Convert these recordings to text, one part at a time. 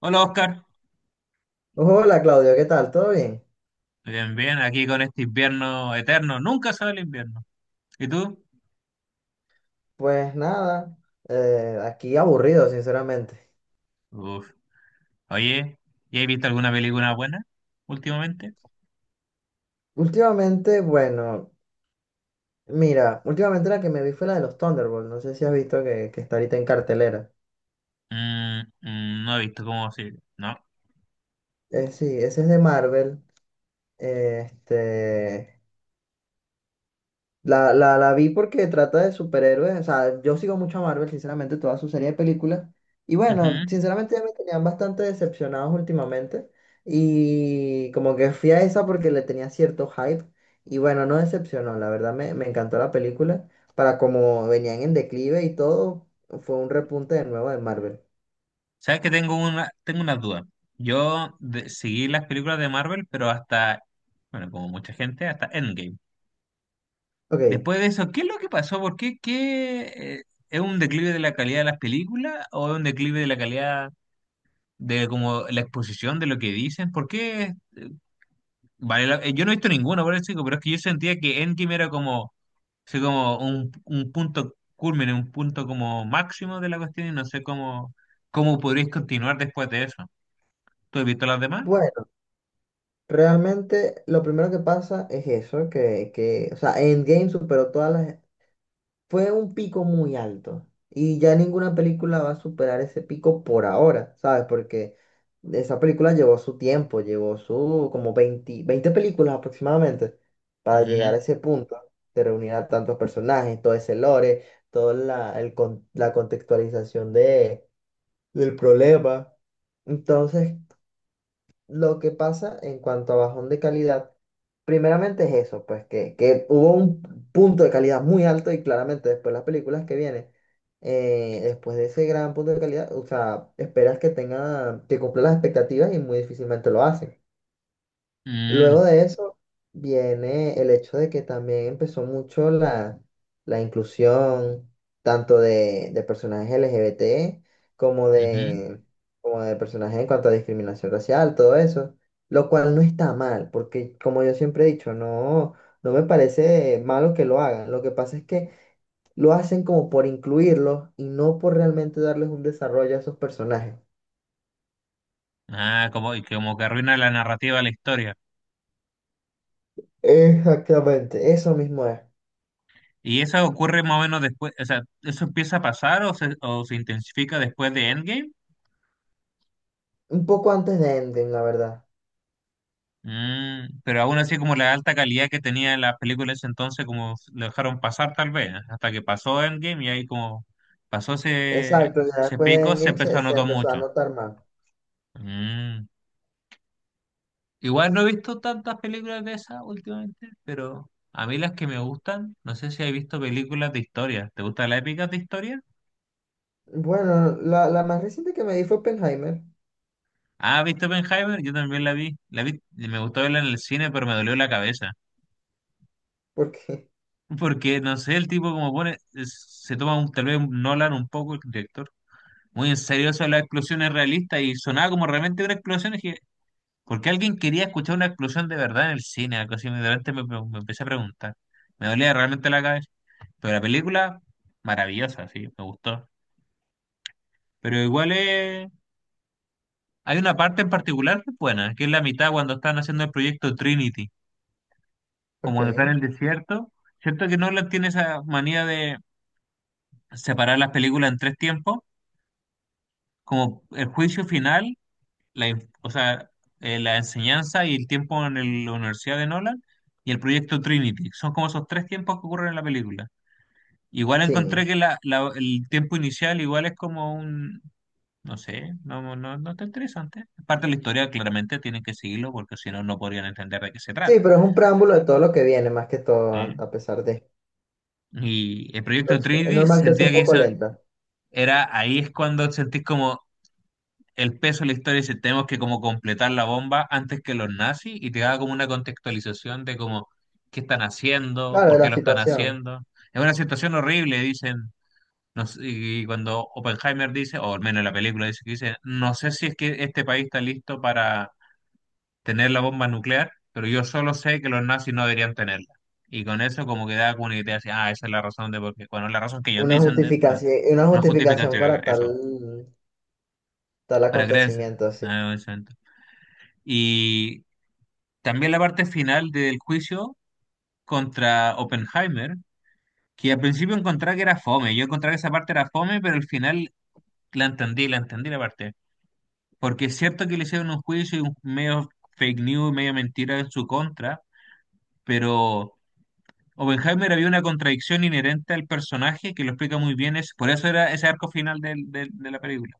Hola Oscar, Hola Claudio, ¿qué tal? ¿Todo bien? bien, bien, aquí con este invierno eterno, nunca sale el invierno. ¿Y tú? Pues nada, aquí aburrido, sinceramente. Uf, oye, ¿y has visto alguna película buena últimamente? Últimamente, bueno, mira, últimamente la que me vi fue la de los Thunderbolts. No sé si has visto que está ahorita en cartelera. Mm, mm, no he visto cómo si, no. Sí, ese es de Marvel. eh, Este, la vi porque trata de superhéroes. O sea, yo sigo mucho a Marvel, sinceramente, toda su serie de películas. Y bueno, Ujú. sinceramente ya me tenían bastante decepcionados últimamente. Y como que fui a esa porque le tenía cierto hype. Y bueno, no decepcionó. La verdad me encantó la película. Para como venían en declive y todo, fue un repunte de nuevo de Marvel. Sabes que tengo unas dudas. Seguí las películas de Marvel, pero hasta, bueno, como mucha gente, hasta Endgame. Ok, Después de eso, ¿qué es lo que pasó? ¿Por qué? Eh, ¿Es un declive de la calidad de las películas o es un declive de la calidad de como la exposición de lo que dicen? ¿Por qué? Vale, yo no he visto ninguna, por eso digo, pero es que yo sentía que Endgame era como, así como un punto culmen, un punto como máximo de la cuestión y no sé cómo, cómo podréis continuar después de eso. ¿Tú has visto las demás? bueno, realmente lo primero que pasa es eso, o sea, Endgame superó todas las fue un pico muy alto. Y ya ninguna película va a superar ese pico por ahora, ¿sabes? Porque esa película llevó su tiempo, llevó su como 20, 20 películas aproximadamente para llegar Ujú, a ese punto de reunir a tantos personajes, todo ese lore, toda la contextualización del problema. Entonces, lo que pasa en cuanto a bajón de calidad, primeramente es eso, pues que hubo un punto de calidad muy alto y claramente después las películas que vienen, después de ese gran punto de calidad, o sea, esperas que tenga, que cumpla las expectativas y muy difícilmente lo hacen. mm, Luego de eso viene el hecho de que también empezó mucho la inclusión tanto de personajes LGBT como ujú. de, como de personajes en cuanto a discriminación racial, todo eso, lo cual no está mal, porque como yo siempre he dicho, no, no me parece malo que lo hagan. Lo que pasa es que lo hacen como por incluirlos y no por realmente darles un desarrollo a esos personajes. Ah, como, y como que arruina la narrativa de la historia. Exactamente, eso mismo es. ¿Y eso ocurre más o menos después, o sea, eso empieza a pasar o o se intensifica después de Endgame? Un poco antes de Endgame, la verdad. Mm, pero aún así como la alta calidad que tenía las películas ese entonces como lo dejaron pasar tal vez, ¿eh? Hasta que pasó Endgame y ahí como pasó ese, Exacto, ya ese después de pico se Endgame empezó se, a se notar empezó a mucho. notar más. Mm. Igual no he visto tantas películas de esas últimamente, pero a mí las que me gustan, no sé si has visto películas de historia. ¿Te gustan las épicas de historia? Bueno, la más reciente que me di fue Oppenheimer, Ah, ¿viste Oppenheimer? Yo también la vi. La vi, y me gustó verla en el cine, pero me dolió la cabeza. porque, Porque, no sé, el tipo como pone, es- se toma tal vez un Nolan un poco, el director muy en serio eso de las explosiones realistas y sonaba como realmente una explosión. Y dije, ¿por qué alguien quería escuchar una explosión de verdad en el cine? Algo así, de repente me empecé a preguntar. Me dolía realmente la cabeza. Pero la película, maravillosa, sí, me gustó. Pero igual hay una parte en particular que es buena, que es la mitad cuando están haciendo el proyecto Trinity, como ok, cuando están en el desierto. Cierto que Nolan tiene esa manía de separar las películas en tres tiempos, como el juicio final o sea, la enseñanza y el tiempo en la Universidad de Nolan y el proyecto Trinity. Son como esos tres tiempos que ocurren en la película. Igual encontré sí. que el tiempo inicial igual es como un, no sé, no está interesante. Parte de la historia claramente tienen que seguirlo porque si no, no podrían entender de qué se Sí, trata. pero es un preámbulo de todo lo que viene, más que todo, ¿Sí? a pesar de. Y el proyecto Entonces, es Trinity normal que sea sentía un que poco eso lenta. era, ahí es cuando sentís como, el peso de la historia dice, tenemos que como completar la bomba antes que los nazis y te da como una contextualización de como qué están haciendo, Claro, de por qué la lo están situación. haciendo. Es una situación horrible, dicen, no sé, y cuando Oppenheimer dice, o al menos en la película dice que dice, no sé si es que este país está listo para tener la bomba nuclear, pero yo solo sé que los nazis no deberían tenerla. Y con eso como que da como una idea así, ah, esa es la razón de por qué, bueno, la razón que ellos dicen de, perdón, Una una justificación justificación, para eso, tal, tal para creer. acontecimiento, así. Ah, exacto. Y también la parte final del juicio contra Oppenheimer, que al principio encontraba que era fome. Yo encontraba que esa parte era fome, pero al final la entendí la parte. Porque es cierto que le hicieron un juicio y un medio fake news, medio mentira en su contra, pero Oppenheimer había una contradicción inherente al personaje que lo explica muy bien. Es, por eso era ese arco final de la película.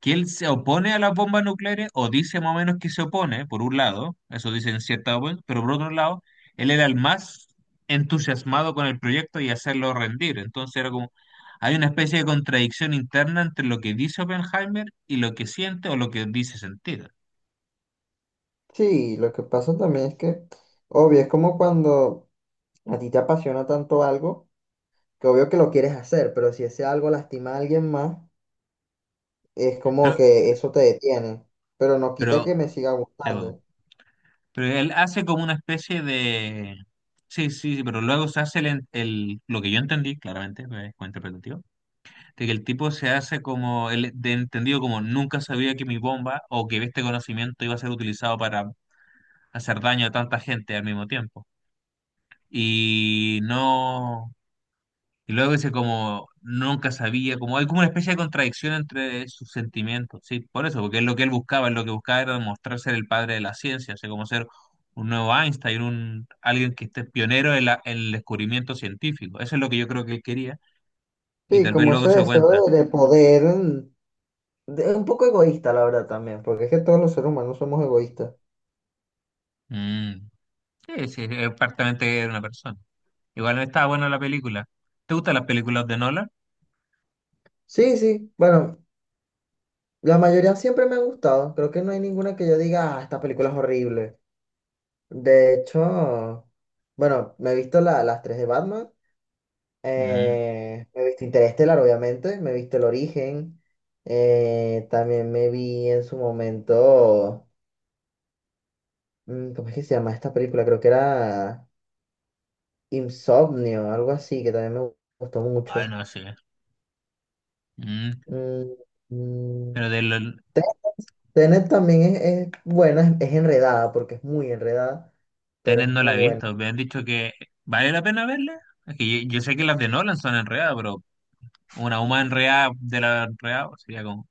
Que él se opone a las bombas nucleares o dice más o menos que se opone, por un lado, eso dice en cierta web, pero por otro lado, él era el más entusiasmado con el proyecto y hacerlo rendir. Entonces era como, hay una especie de contradicción interna entre lo que dice Oppenheimer y lo que siente o lo que dice sentir. Sí, lo que pasa también es que, obvio, es como cuando a ti te apasiona tanto algo, que obvio que lo quieres hacer, pero si ese algo lastima a alguien más. Es como Pero, que eso te detiene, pero no quita pero, que me siga sí, bueno, gustando. pero él hace como una especie de... Sí, sí, sí, pero luego se hace lo que yo entendí, claramente, es interpretativo de que el tipo se hace como el de entendido como nunca sabía que mi bomba o que este conocimiento iba a ser utilizado para hacer daño a tanta gente al mismo tiempo. Y no, y luego dice como nunca sabía, como hay como una especie de contradicción entre sus sentimientos, sí, por eso, porque es lo que él buscaba, lo que buscaba era demostrar ser el padre de la ciencia, o sea, como ser un nuevo Einstein, un alguien que esté pionero en, en el descubrimiento científico. Eso es lo que yo creo que él quería y Sí, tal vez como luego ese se dio deseo cuenta. de poder, un poco egoísta, la verdad, también, porque es que todos los seres humanos somos egoístas. Mm. Sí, sí, es prácticamente de una persona. Igual estaba buena la película. ¿Te gustan las películas de Nolan? Sí, sí, bueno, la mayoría siempre me ha gustado, creo que no hay ninguna que yo diga, ah, esta película es horrible. De hecho, bueno, me he visto las tres de Batman, Mm, me he visto Interestelar, obviamente, me he visto El Origen, también me vi en su momento... ¿Cómo es que se llama esta película? Creo que era Insomnio, algo así, que también me gustó ay, mucho. no sé. Mm, Mm, mm, pero Tenet también es buena, es enredada, porque es muy enredada, pero Tenet es no muy la he buena. visto. Me han dicho que vale la pena verla. Es que yo sé que las de Nolan son enredadas, pero una humana enredada de la enredada pues, sería como...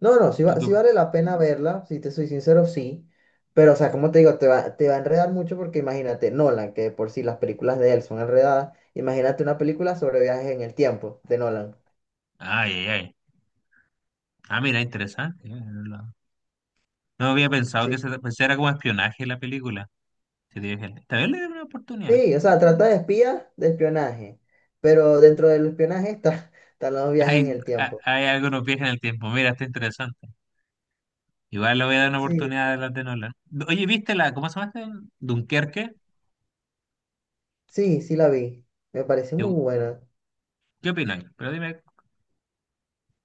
No, no, sí, ¿Tú sí qué- vale la pena verla, si te soy sincero, sí. Pero, o sea, como te digo, te va a enredar mucho porque imagínate, Nolan, que de por sí las películas de él son enredadas, imagínate una película sobre viajes en el tiempo de Nolan. ay, ay, ay. Ah, mira, interesante. No había pensado que ¿Sí? se, pues era como espionaje la película. Sí, dije, esta vez le doy una oportunidad. Sí, o sea, trata de espías, de espionaje, pero dentro del espionaje está, están los viajes Hay, en el tiempo. hay algo nos viaja en el tiempo. Mira, está interesante. Igual le voy a dar una Sí, oportunidad a las de Nolan. Oye, ¿viste la, cómo se llama este? Dunkerque. sí, sí la vi, me parece ¿Qué, muy buena. ¿qué opináis? Pero dime.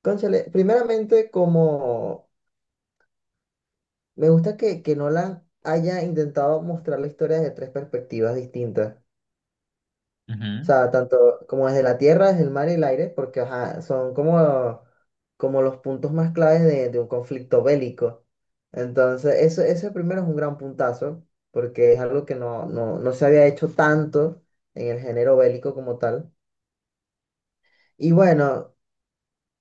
Cónchale, primeramente como me gusta que Nolan haya intentado mostrar la historia desde tres perspectivas distintas. O Ujú. sea, tanto como desde la tierra, desde el mar y el aire, porque ajá, son como, como los puntos más claves de un conflicto bélico. Entonces, eso, ese primero es un gran puntazo, porque es algo que no, no, no se había hecho tanto en el género bélico como tal. Y bueno,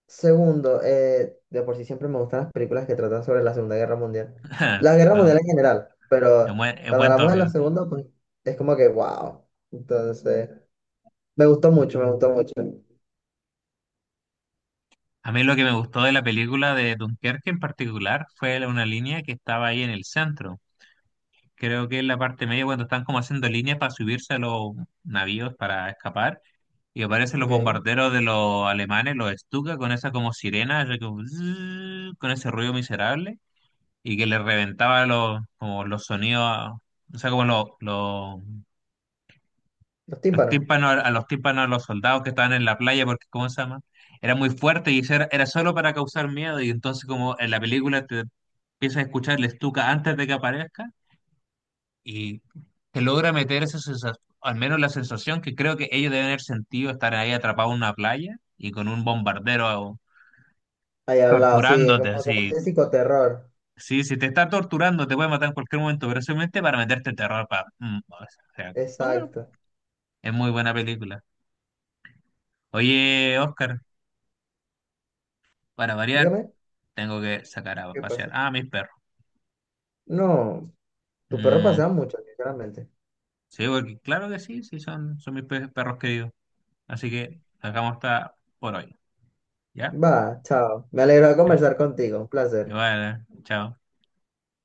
segundo, de por sí siempre me gustan las películas que tratan sobre la Segunda Guerra Mundial. Sí, La Guerra no, Mundial en general, pero es cuando buen hablamos de tópico. la Segunda, pues es como que, wow. Entonces, me gustó mucho, me gustó mucho. A mí lo que me gustó de la película de Dunkerque en particular fue una línea que estaba ahí en el centro. Creo que en la parte media, cuando están como haciendo líneas para subirse a los navíos para escapar, y aparecen los Ok. bombarderos de los alemanes, los Stuka, con esa como sirena, así como zzzz, con ese ruido miserable. Y que le reventaba los, como los sonidos, a- o sea, como Los los tímpanos. tímpanos, a los tímpanos, a los soldados que estaban en la playa, porque, ¿cómo se llama? Era muy fuerte y eso era, era solo para causar miedo y entonces como en la película te empiezas a escuchar el estuca antes de que aparezca y te logra meter esa sensación, al menos la sensación que creo que ellos deben haber sentido estar ahí atrapados en una playa y con un bombardero Ahí al lado, sí, es torturándote como, como así. ese psicoterror. Sí, si te está torturando, te puede matar en cualquier momento, pero simplemente para meterte terror. Pa... mm, o sea, pues bueno, Exacto. es muy buena película. Oye, Oscar, para variar, Dígame, tengo que sacar a ¿qué pasear pasa? a mis perros. No, tus perros Mm, pasean mucho, sinceramente. sí, porque claro que sí, sí, son mis perros queridos. Así que sacamos esta por hoy. ¿Ya? Va, chao. Me alegro de Ya, conversar contigo. Un placer. igual, ¿eh? Chao.